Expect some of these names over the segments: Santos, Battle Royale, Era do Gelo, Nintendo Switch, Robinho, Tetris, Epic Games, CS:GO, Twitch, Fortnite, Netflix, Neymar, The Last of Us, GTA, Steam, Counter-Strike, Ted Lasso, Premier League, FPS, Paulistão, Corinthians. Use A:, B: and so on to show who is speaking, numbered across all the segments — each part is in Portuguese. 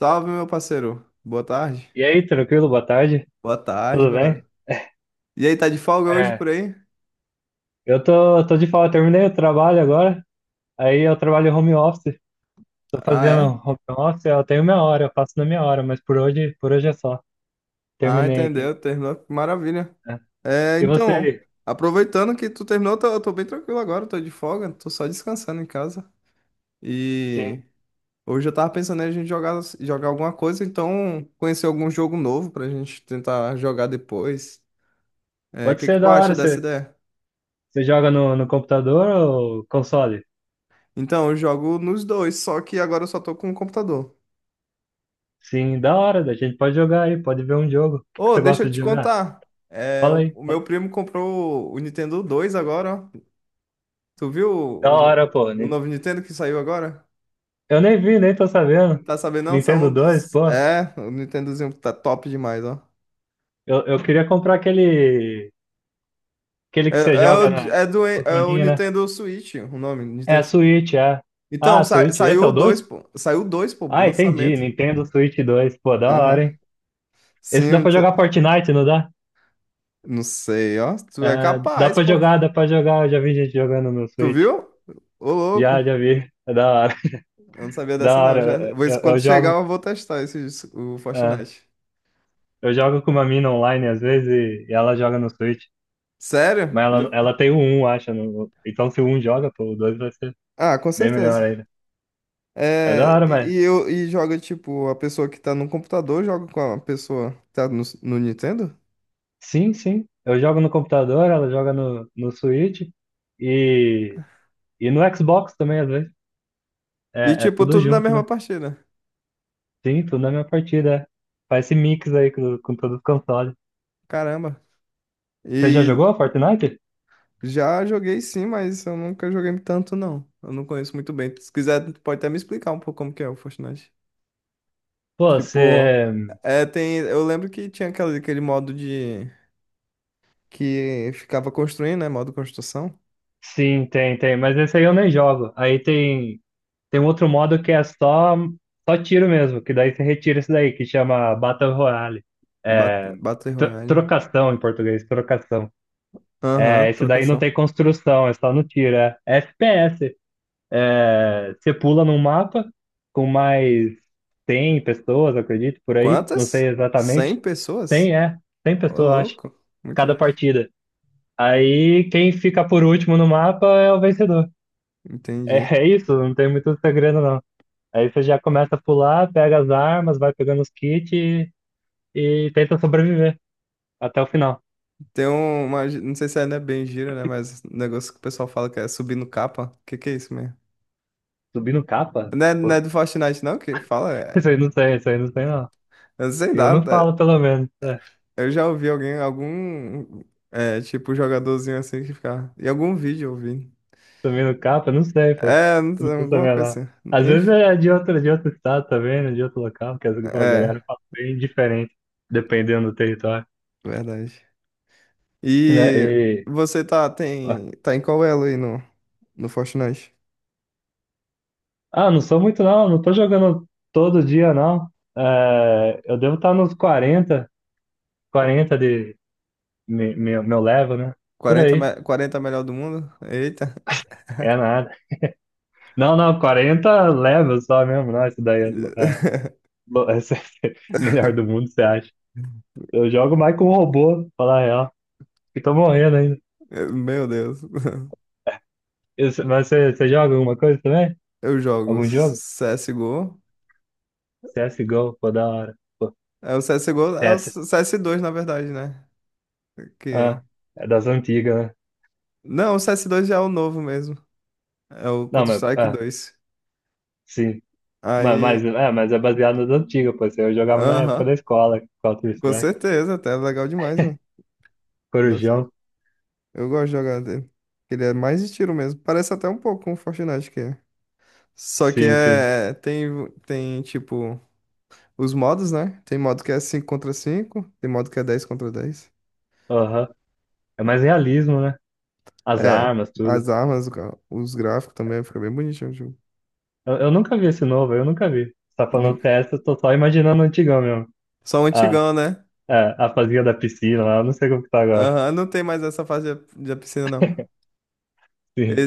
A: Salve, meu parceiro. Boa tarde.
B: E aí, tranquilo? Boa tarde.
A: Boa tarde,
B: Tudo
A: meu
B: bem?
A: garoto. E aí, tá de folga hoje por
B: É,
A: aí?
B: eu tô de fala, terminei o trabalho agora. Aí eu trabalho home office. Tô
A: Ah, é?
B: fazendo home office, eu tenho minha hora, eu faço na minha hora, mas por hoje é só.
A: Ah,
B: Terminei aqui.
A: entendeu. Terminou. Que maravilha.
B: Né?
A: É,
B: E você
A: então,
B: aí?
A: aproveitando que tu terminou, eu tô bem tranquilo agora, tô de folga, tô só descansando em casa.
B: Sim.
A: E hoje eu tava pensando em a gente jogar, jogar alguma coisa, então conhecer algum jogo novo pra gente tentar jogar depois. É, o
B: Pode
A: que que
B: ser
A: tu
B: da hora,
A: acha dessa
B: você,
A: ideia?
B: você joga no computador ou console?
A: Então, eu jogo nos dois, só que agora eu só tô com o computador.
B: Sim, da hora, a gente pode jogar aí, pode ver um jogo. O que que
A: Ô,
B: você
A: deixa
B: gosta
A: eu
B: de
A: te
B: jogar?
A: contar. É,
B: Fala aí.
A: o
B: Fala
A: meu
B: aí.
A: primo comprou o Nintendo 2 agora, ó. Tu viu o,
B: Da
A: o no-
B: hora, pô.
A: o novo Nintendo que saiu agora?
B: Eu nem vi, nem tô
A: Não
B: sabendo.
A: tá sabendo não? Saiu
B: Nintendo
A: um
B: 2,
A: dos...
B: pô.
A: É, o Nintendozinho tá top demais, ó.
B: Eu queria comprar aquele
A: É,
B: que você joga na
A: é o
B: controlinha, né?
A: Nintendo Switch, o nome,
B: É a
A: Nintendo Switch.
B: Switch, é. Ah,
A: Então,
B: a Switch. Esse é
A: saiu o
B: o 2?
A: 2, pô. Saiu o 2, pô,
B: Ah, entendi.
A: lançamento.
B: Nintendo Switch 2, pô, da
A: Aham.
B: hora, hein?
A: Sim,
B: Esse dá
A: eu
B: pra
A: ent-
B: jogar Fortnite, não dá?
A: não sei, ó. Tu é
B: É, dá
A: capaz,
B: pra
A: pô.
B: jogar, dá pra jogar. Eu já vi gente jogando no
A: Tu
B: Switch.
A: viu? Ô, louco.
B: Já vi. É da hora.
A: Eu não sabia dessa
B: Da
A: não, já.
B: hora. Eu,
A: Quando
B: eu
A: chegar, eu vou testar esse, o
B: é,
A: Fortnite.
B: jogo com uma mina online às vezes e ela joga no Switch.
A: Sério?
B: Mas ela,
A: Jo-
B: ela tem o um acho. Então se o um joga, pô, o 2 vai ser
A: Ah, com
B: bem melhor
A: certeza.
B: ainda. É da
A: É,
B: hora, mas.
A: e eu joga tipo a pessoa que tá no computador joga com a pessoa que tá no Nintendo?
B: Sim, sim. Eu jogo no computador, ela joga no Switch e, e no Xbox também, às vezes.
A: E
B: É,
A: tipo
B: tudo
A: tudo na
B: junto,
A: mesma
B: né?
A: partida.
B: Sim, tudo na minha partida. É. Faz esse mix aí com todos os consoles.
A: Caramba.
B: Você já
A: E
B: jogou Fortnite?
A: já joguei sim, mas eu nunca joguei tanto não. Eu não conheço muito bem. Se quiser, pode até me explicar um pouco como que é o Fortnite.
B: Pô,
A: Tipo,
B: você.
A: eu lembro que tinha aquele modo de que ficava construindo, né? Modo construção,
B: Sim, tem, tem. Mas esse aí eu nem jogo. Aí tem um outro modo que é só tiro mesmo, que daí você retira isso daí, que chama Battle Royale. É,
A: Battle
B: tro-
A: Royale, né?
B: trocação em português, trocação.
A: Aham,
B: É, esse daí não
A: trocação.
B: tem construção, é só no tiro. É, FPS. É, você pula num mapa com mais 100 pessoas, eu acredito, por aí. Não sei
A: Quantas? 100
B: exatamente.
A: pessoas?
B: 100, é. 100
A: Ô,
B: pessoas, eu acho.
A: louco. Muita
B: Cada
A: gente.
B: partida. Aí quem fica por último no mapa é o vencedor. É,
A: Entendi.
B: é isso, não tem muito segredo, não. Aí você já começa a pular, pega as armas, vai pegando os kits e tenta sobreviver até o final.
A: Uma. Não sei se ainda é bem gira, né? Mas um negócio que o pessoal fala que é subir no capa. O que que é isso mesmo?
B: Subindo capa?
A: Não é, não é
B: Pô,
A: do Fortnite, não? Que fala. É,
B: isso aí não tem, isso aí não tem, não.
A: eu sei
B: Eu
A: lá.
B: não
A: É,
B: falo, pelo menos.
A: eu já ouvi alguém, algum. É, tipo, jogadorzinho assim que ficava. Em algum vídeo eu ouvi.
B: Subindo capa? Não sei, pô. Eu
A: É, não sei,
B: não tô
A: alguma
B: sabendo lá.
A: coisa assim.
B: Às vezes
A: Enfim.
B: é de outro estado também, né? De outro local, porque às vezes, pô, a
A: É,
B: galera fala bem diferente, dependendo do território.
A: verdade.
B: Né?
A: E
B: E...
A: tá em qual elo aí no Fortnite?
B: Ah, não sou muito não, não tô jogando todo dia não. É, eu devo estar nos quarenta de meu level, né? Por aí,
A: 40 melhor do mundo? Eita.
B: é nada. Não, não, 40 level só mesmo, não, isso daí é, esse é o melhor do mundo, você acha? Eu jogo mais com um robô, falar a real, que tô morrendo ainda.
A: Meu Deus.
B: Mas você joga alguma coisa também?
A: Eu jogo
B: Algum jogo?
A: CSGO.
B: CSGO, pô, da hora. Pô,
A: É o CSGO, é o
B: CS.
A: cs dois na verdade, né? Que...
B: Ah, é das antigas, né?
A: Não, o cs 2 já é o novo mesmo. É o
B: Não, mas,
A: Counter-Strike
B: ah,
A: dois.
B: sim. Mas,
A: Aí,
B: mas, é, mas é baseado nas antigas, pô. Isso aí eu jogava na época da
A: aham,
B: escola,
A: com
B: Counter-Strike,
A: certeza, até é legal demais, mano.
B: Corujão.
A: Nostálgico. Eu gosto de jogar dele. Ele é mais de tiro mesmo. Parece até um pouco com o Fortnite que é. Só que
B: Sim, sim.
A: é. Tem, tem tipo. Os modos, né? Tem modo que é 5 contra cinco, tem modo que é dez contra dez.
B: Aham. É mais realismo, né? As
A: É,
B: armas, tudo.
A: as armas, os gráficos também, fica bem bonitinho o jogo.
B: Eu nunca vi esse novo, eu nunca vi. Você tá
A: Não-
B: falando CS, eu tô só imaginando o antigão mesmo.
A: Só o
B: Ah,
A: antigão, né?
B: é, a fazia da piscina lá, eu não sei como que tá agora.
A: Aham, não tem mais essa fase da piscina, não.
B: Sim,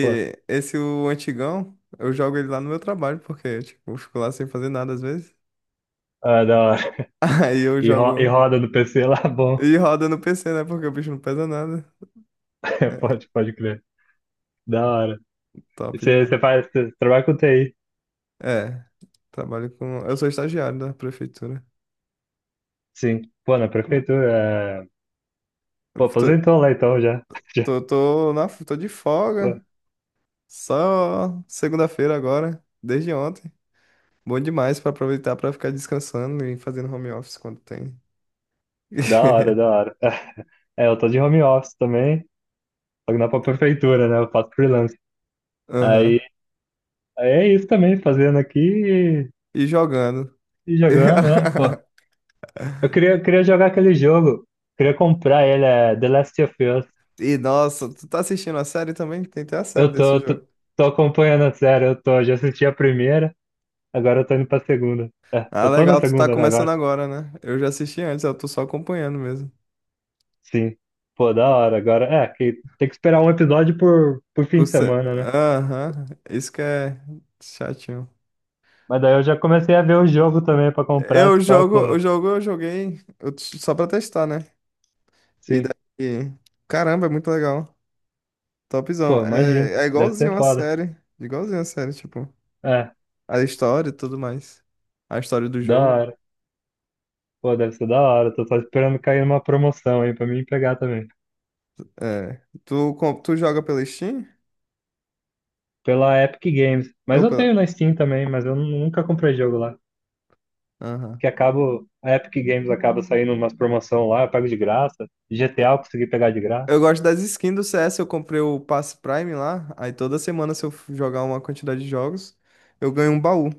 B: pô.
A: esse o antigão, eu jogo ele lá no meu trabalho, porque, tipo, eu fico lá sem fazer nada às vezes.
B: Ah, da hora.
A: Aí eu
B: E
A: jogo
B: roda no PC lá, bom.
A: e roda no PC, né? Porque o bicho não pesa nada.
B: É,
A: É,
B: pode, pode crer. Da hora.
A: top
B: Você
A: demais.
B: você faz, você trabalha com TI.
A: É, trabalho com... Eu sou estagiário da prefeitura.
B: Sim. Pô, na prefeitura. É. Pô, aposentou lá então já. Já.
A: Tô de folga.
B: Pô,
A: Só segunda-feira agora, desde ontem. Bom demais pra aproveitar pra ficar descansando e fazendo home office quando tem.
B: da hora, da hora. É, eu tô de home office também, só que não é pra prefeitura, né? Eu faço freelance.
A: Aham.
B: Aí, aí é isso também, fazendo aqui e,
A: E jogando.
B: e jogando, né? Pô, eu queria jogar aquele jogo, queria comprar ele, é The Last of Us.
A: E nossa, tu tá assistindo a série também? Tem até a série
B: Eu
A: desse
B: tô, tô,
A: jogo.
B: tô acompanhando a série, já assisti a primeira. Agora eu tô indo pra segunda. É,
A: Ah,
B: só tô na
A: legal, tu tá
B: segunda, né,
A: começando
B: agora?
A: agora, né? Eu já assisti antes, eu tô só acompanhando mesmo.
B: Sim. Pô, da hora. Agora, que tem que esperar um episódio por fim de semana, né?
A: Aham, isso que é chatinho.
B: Mas daí eu já comecei a ver o jogo também pra comprar,
A: Eu
B: se pá,
A: jogo, o
B: pô.
A: jogo eu joguei só pra testar, né? E
B: Sim.
A: daí. Caramba, é muito legal.
B: Pô,
A: Topzão.
B: imagino.
A: É, é
B: Deve
A: igualzinho
B: ser
A: a
B: foda.
A: série. Igualzinho a série, tipo.
B: É,
A: A história e tudo mais. A história do
B: da
A: jogo.
B: hora. Pô, deve ser da hora. Tô só esperando cair numa promoção aí pra mim pegar também.
A: É. Tu joga pela Steam?
B: Pela Epic Games. Mas
A: Ou
B: eu
A: pela.
B: tenho na Steam também, mas eu nunca comprei jogo lá.
A: Aham.
B: Que acabo, a Epic Games acaba saindo umas promoção lá, eu pego de graça. GTA
A: Eu
B: eu consegui pegar de graça.
A: eu gosto das skins do CS, eu comprei o Pass Prime lá, aí toda semana se eu jogar uma quantidade de jogos, eu ganho um baú.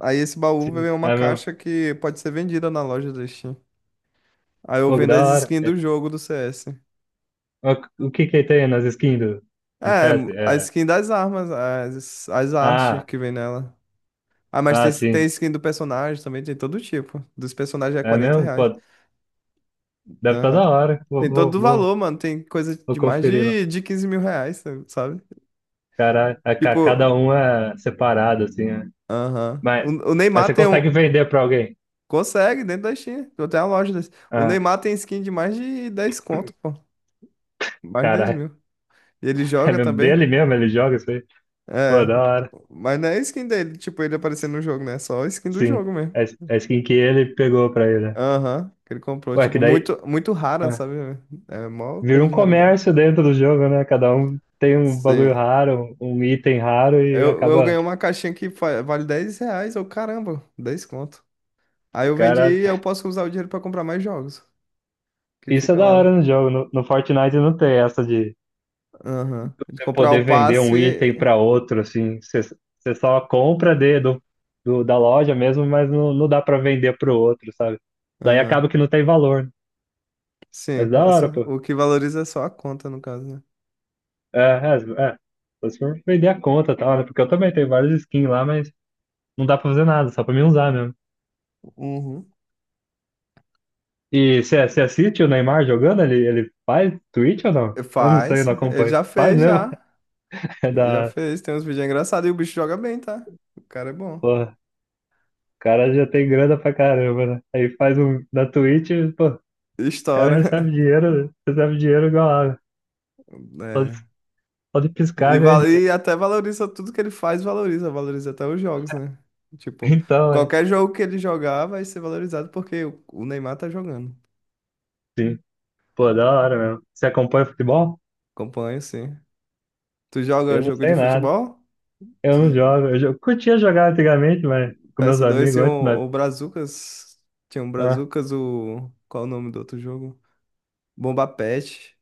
A: Aí esse baú
B: Sim,
A: vem uma
B: é mesmo.
A: caixa que pode ser vendida na loja da Steam. Aí eu
B: Pô, que
A: vendo
B: da
A: as
B: hora.
A: skins do
B: É,
A: jogo do CS.
B: ó, o que que tem nas skins do
A: É,
B: Tetris?
A: a
B: É,
A: skin das armas, as artes
B: ah,
A: que vem nela. Ah, mas
B: ah,
A: tem,
B: sim.
A: tem skin do personagem também, tem todo tipo. Dos personagens é
B: É
A: 40
B: mesmo?
A: reais.
B: Pô, deve estar
A: Aham.
B: da hora. Vou,
A: Tem todo
B: vou,
A: o
B: vou,
A: valor, mano. Tem coisa
B: vou
A: de mais
B: conferir lá.
A: de 15 mil reais, sabe?
B: Caralho, é ca-
A: Tipo,
B: cada um é separado, assim, né?
A: aham.
B: Mas
A: O
B: aí
A: Neymar
B: você
A: tem
B: consegue
A: um.
B: vender pra alguém.
A: Consegue dentro da Steam. Eu tenho a loja desse. O
B: Ah,
A: Neymar tem skin de mais de 10 conto, pô. Mais de 10
B: caralho.
A: mil. E ele
B: É
A: joga
B: mesmo
A: também.
B: dele mesmo? Ele joga isso aí? Pô,
A: É.
B: da hora.
A: Mas não é skin dele, tipo, ele aparecendo no jogo, né? É só a skin do
B: Sim.
A: jogo mesmo.
B: É, é skin que ele pegou pra ele, né?
A: Aham, que ele comprou.
B: Ué, que
A: Tipo,
B: daí
A: muito rara,
B: ah,
A: sabe? É mó
B: vira
A: coisa
B: um
A: de raridade.
B: comércio dentro do jogo, né? Cada um tem um bagulho
A: Sim.
B: raro, um item raro e
A: Eu
B: acaba.
A: ganhei uma caixinha que vale 10 reais. Eu, caramba, 10 conto. Aí
B: O
A: eu vendi
B: cara.
A: e eu posso usar o dinheiro pra comprar mais jogos. Que
B: Isso é
A: fica
B: da hora
A: lá.
B: no jogo. No Fortnite não tem essa de
A: Aham. De
B: você
A: comprar o
B: poder vender um item
A: passe.
B: para outro, assim. Você só compra da loja mesmo, mas não, não dá para vender pro outro, sabe? Daí
A: Aham.
B: acaba que não tem valor. Né? Mas
A: Sim,
B: da
A: é só,
B: hora, pô.
A: o que valoriza é só a conta, no caso, né?
B: É, é, é. Só se for vender a conta, e tal, né? Porque eu também tenho vários skins lá, mas não dá pra fazer nada, só pra mim usar mesmo.
A: Uhum.
B: E você assiste o Neymar jogando? Ele faz Twitch ou não? Eu não sei,
A: Faz.
B: não
A: Ele
B: acompanho.
A: já
B: Faz
A: fez,
B: mesmo?
A: já.
B: É
A: Ele já
B: da.
A: fez. Tem uns vídeos engraçados e o bicho joga bem, tá? O cara é bom.
B: Porra. O cara já tem grana pra caramba, né? Aí faz um na Twitch, pô, o cara
A: Estoura.
B: recebe dinheiro, né? Recebe dinheiro igual água. Pode,
A: É.
B: pode
A: E,
B: piscar, ganha dinheiro.
A: e até valoriza tudo que ele faz, valoriza, valoriza até os jogos, né? Tipo,
B: Então, é.
A: qualquer jogo que ele jogar vai ser valorizado porque o Neymar tá jogando.
B: Sim. Pô, da hora mesmo. Você acompanha futebol?
A: Acompanha, sim. Tu joga
B: Eu não
A: jogo
B: sei
A: de
B: nada.
A: futebol?
B: Eu não
A: Tu-
B: jogo. Eu curtia jogar antigamente, mas com meus
A: PS2
B: amigos
A: tinha
B: antes, mas.
A: o Brazucas. Tinha um
B: Ah,
A: Brazucas, o. Qual o nome do outro jogo? Bomba Pet.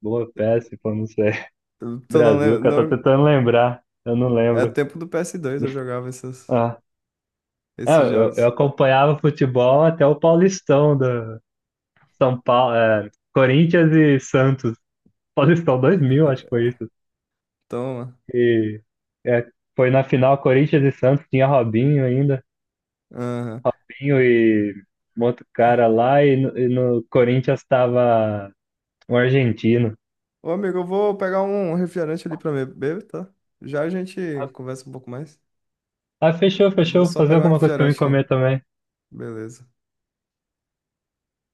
B: boa peça, pô, não sei.
A: Tu não lembra.
B: Brazuca, tô
A: Não...
B: tentando lembrar. Eu não
A: É
B: lembro.
A: tempo do PS2 eu jogava
B: Ah, é,
A: esses
B: eu
A: jogos.
B: acompanhava futebol até o Paulistão do São Paulo, Corinthians e Santos. Paulistão 2000 acho que foi isso.
A: Toma.
B: E, é, foi na final Corinthians e Santos, tinha Robinho ainda, Pinho e um outro cara lá, e no Corinthians tava um argentino.
A: Ô, amigo, eu vou pegar um refrigerante ali pra me beber, tá? Já a gente conversa um pouco mais.
B: Ah, fechou,
A: Vou
B: fechou,
A: só
B: fazer
A: pegar um
B: alguma coisa pra mim
A: refrigerante aqui.
B: comer também.
A: Beleza.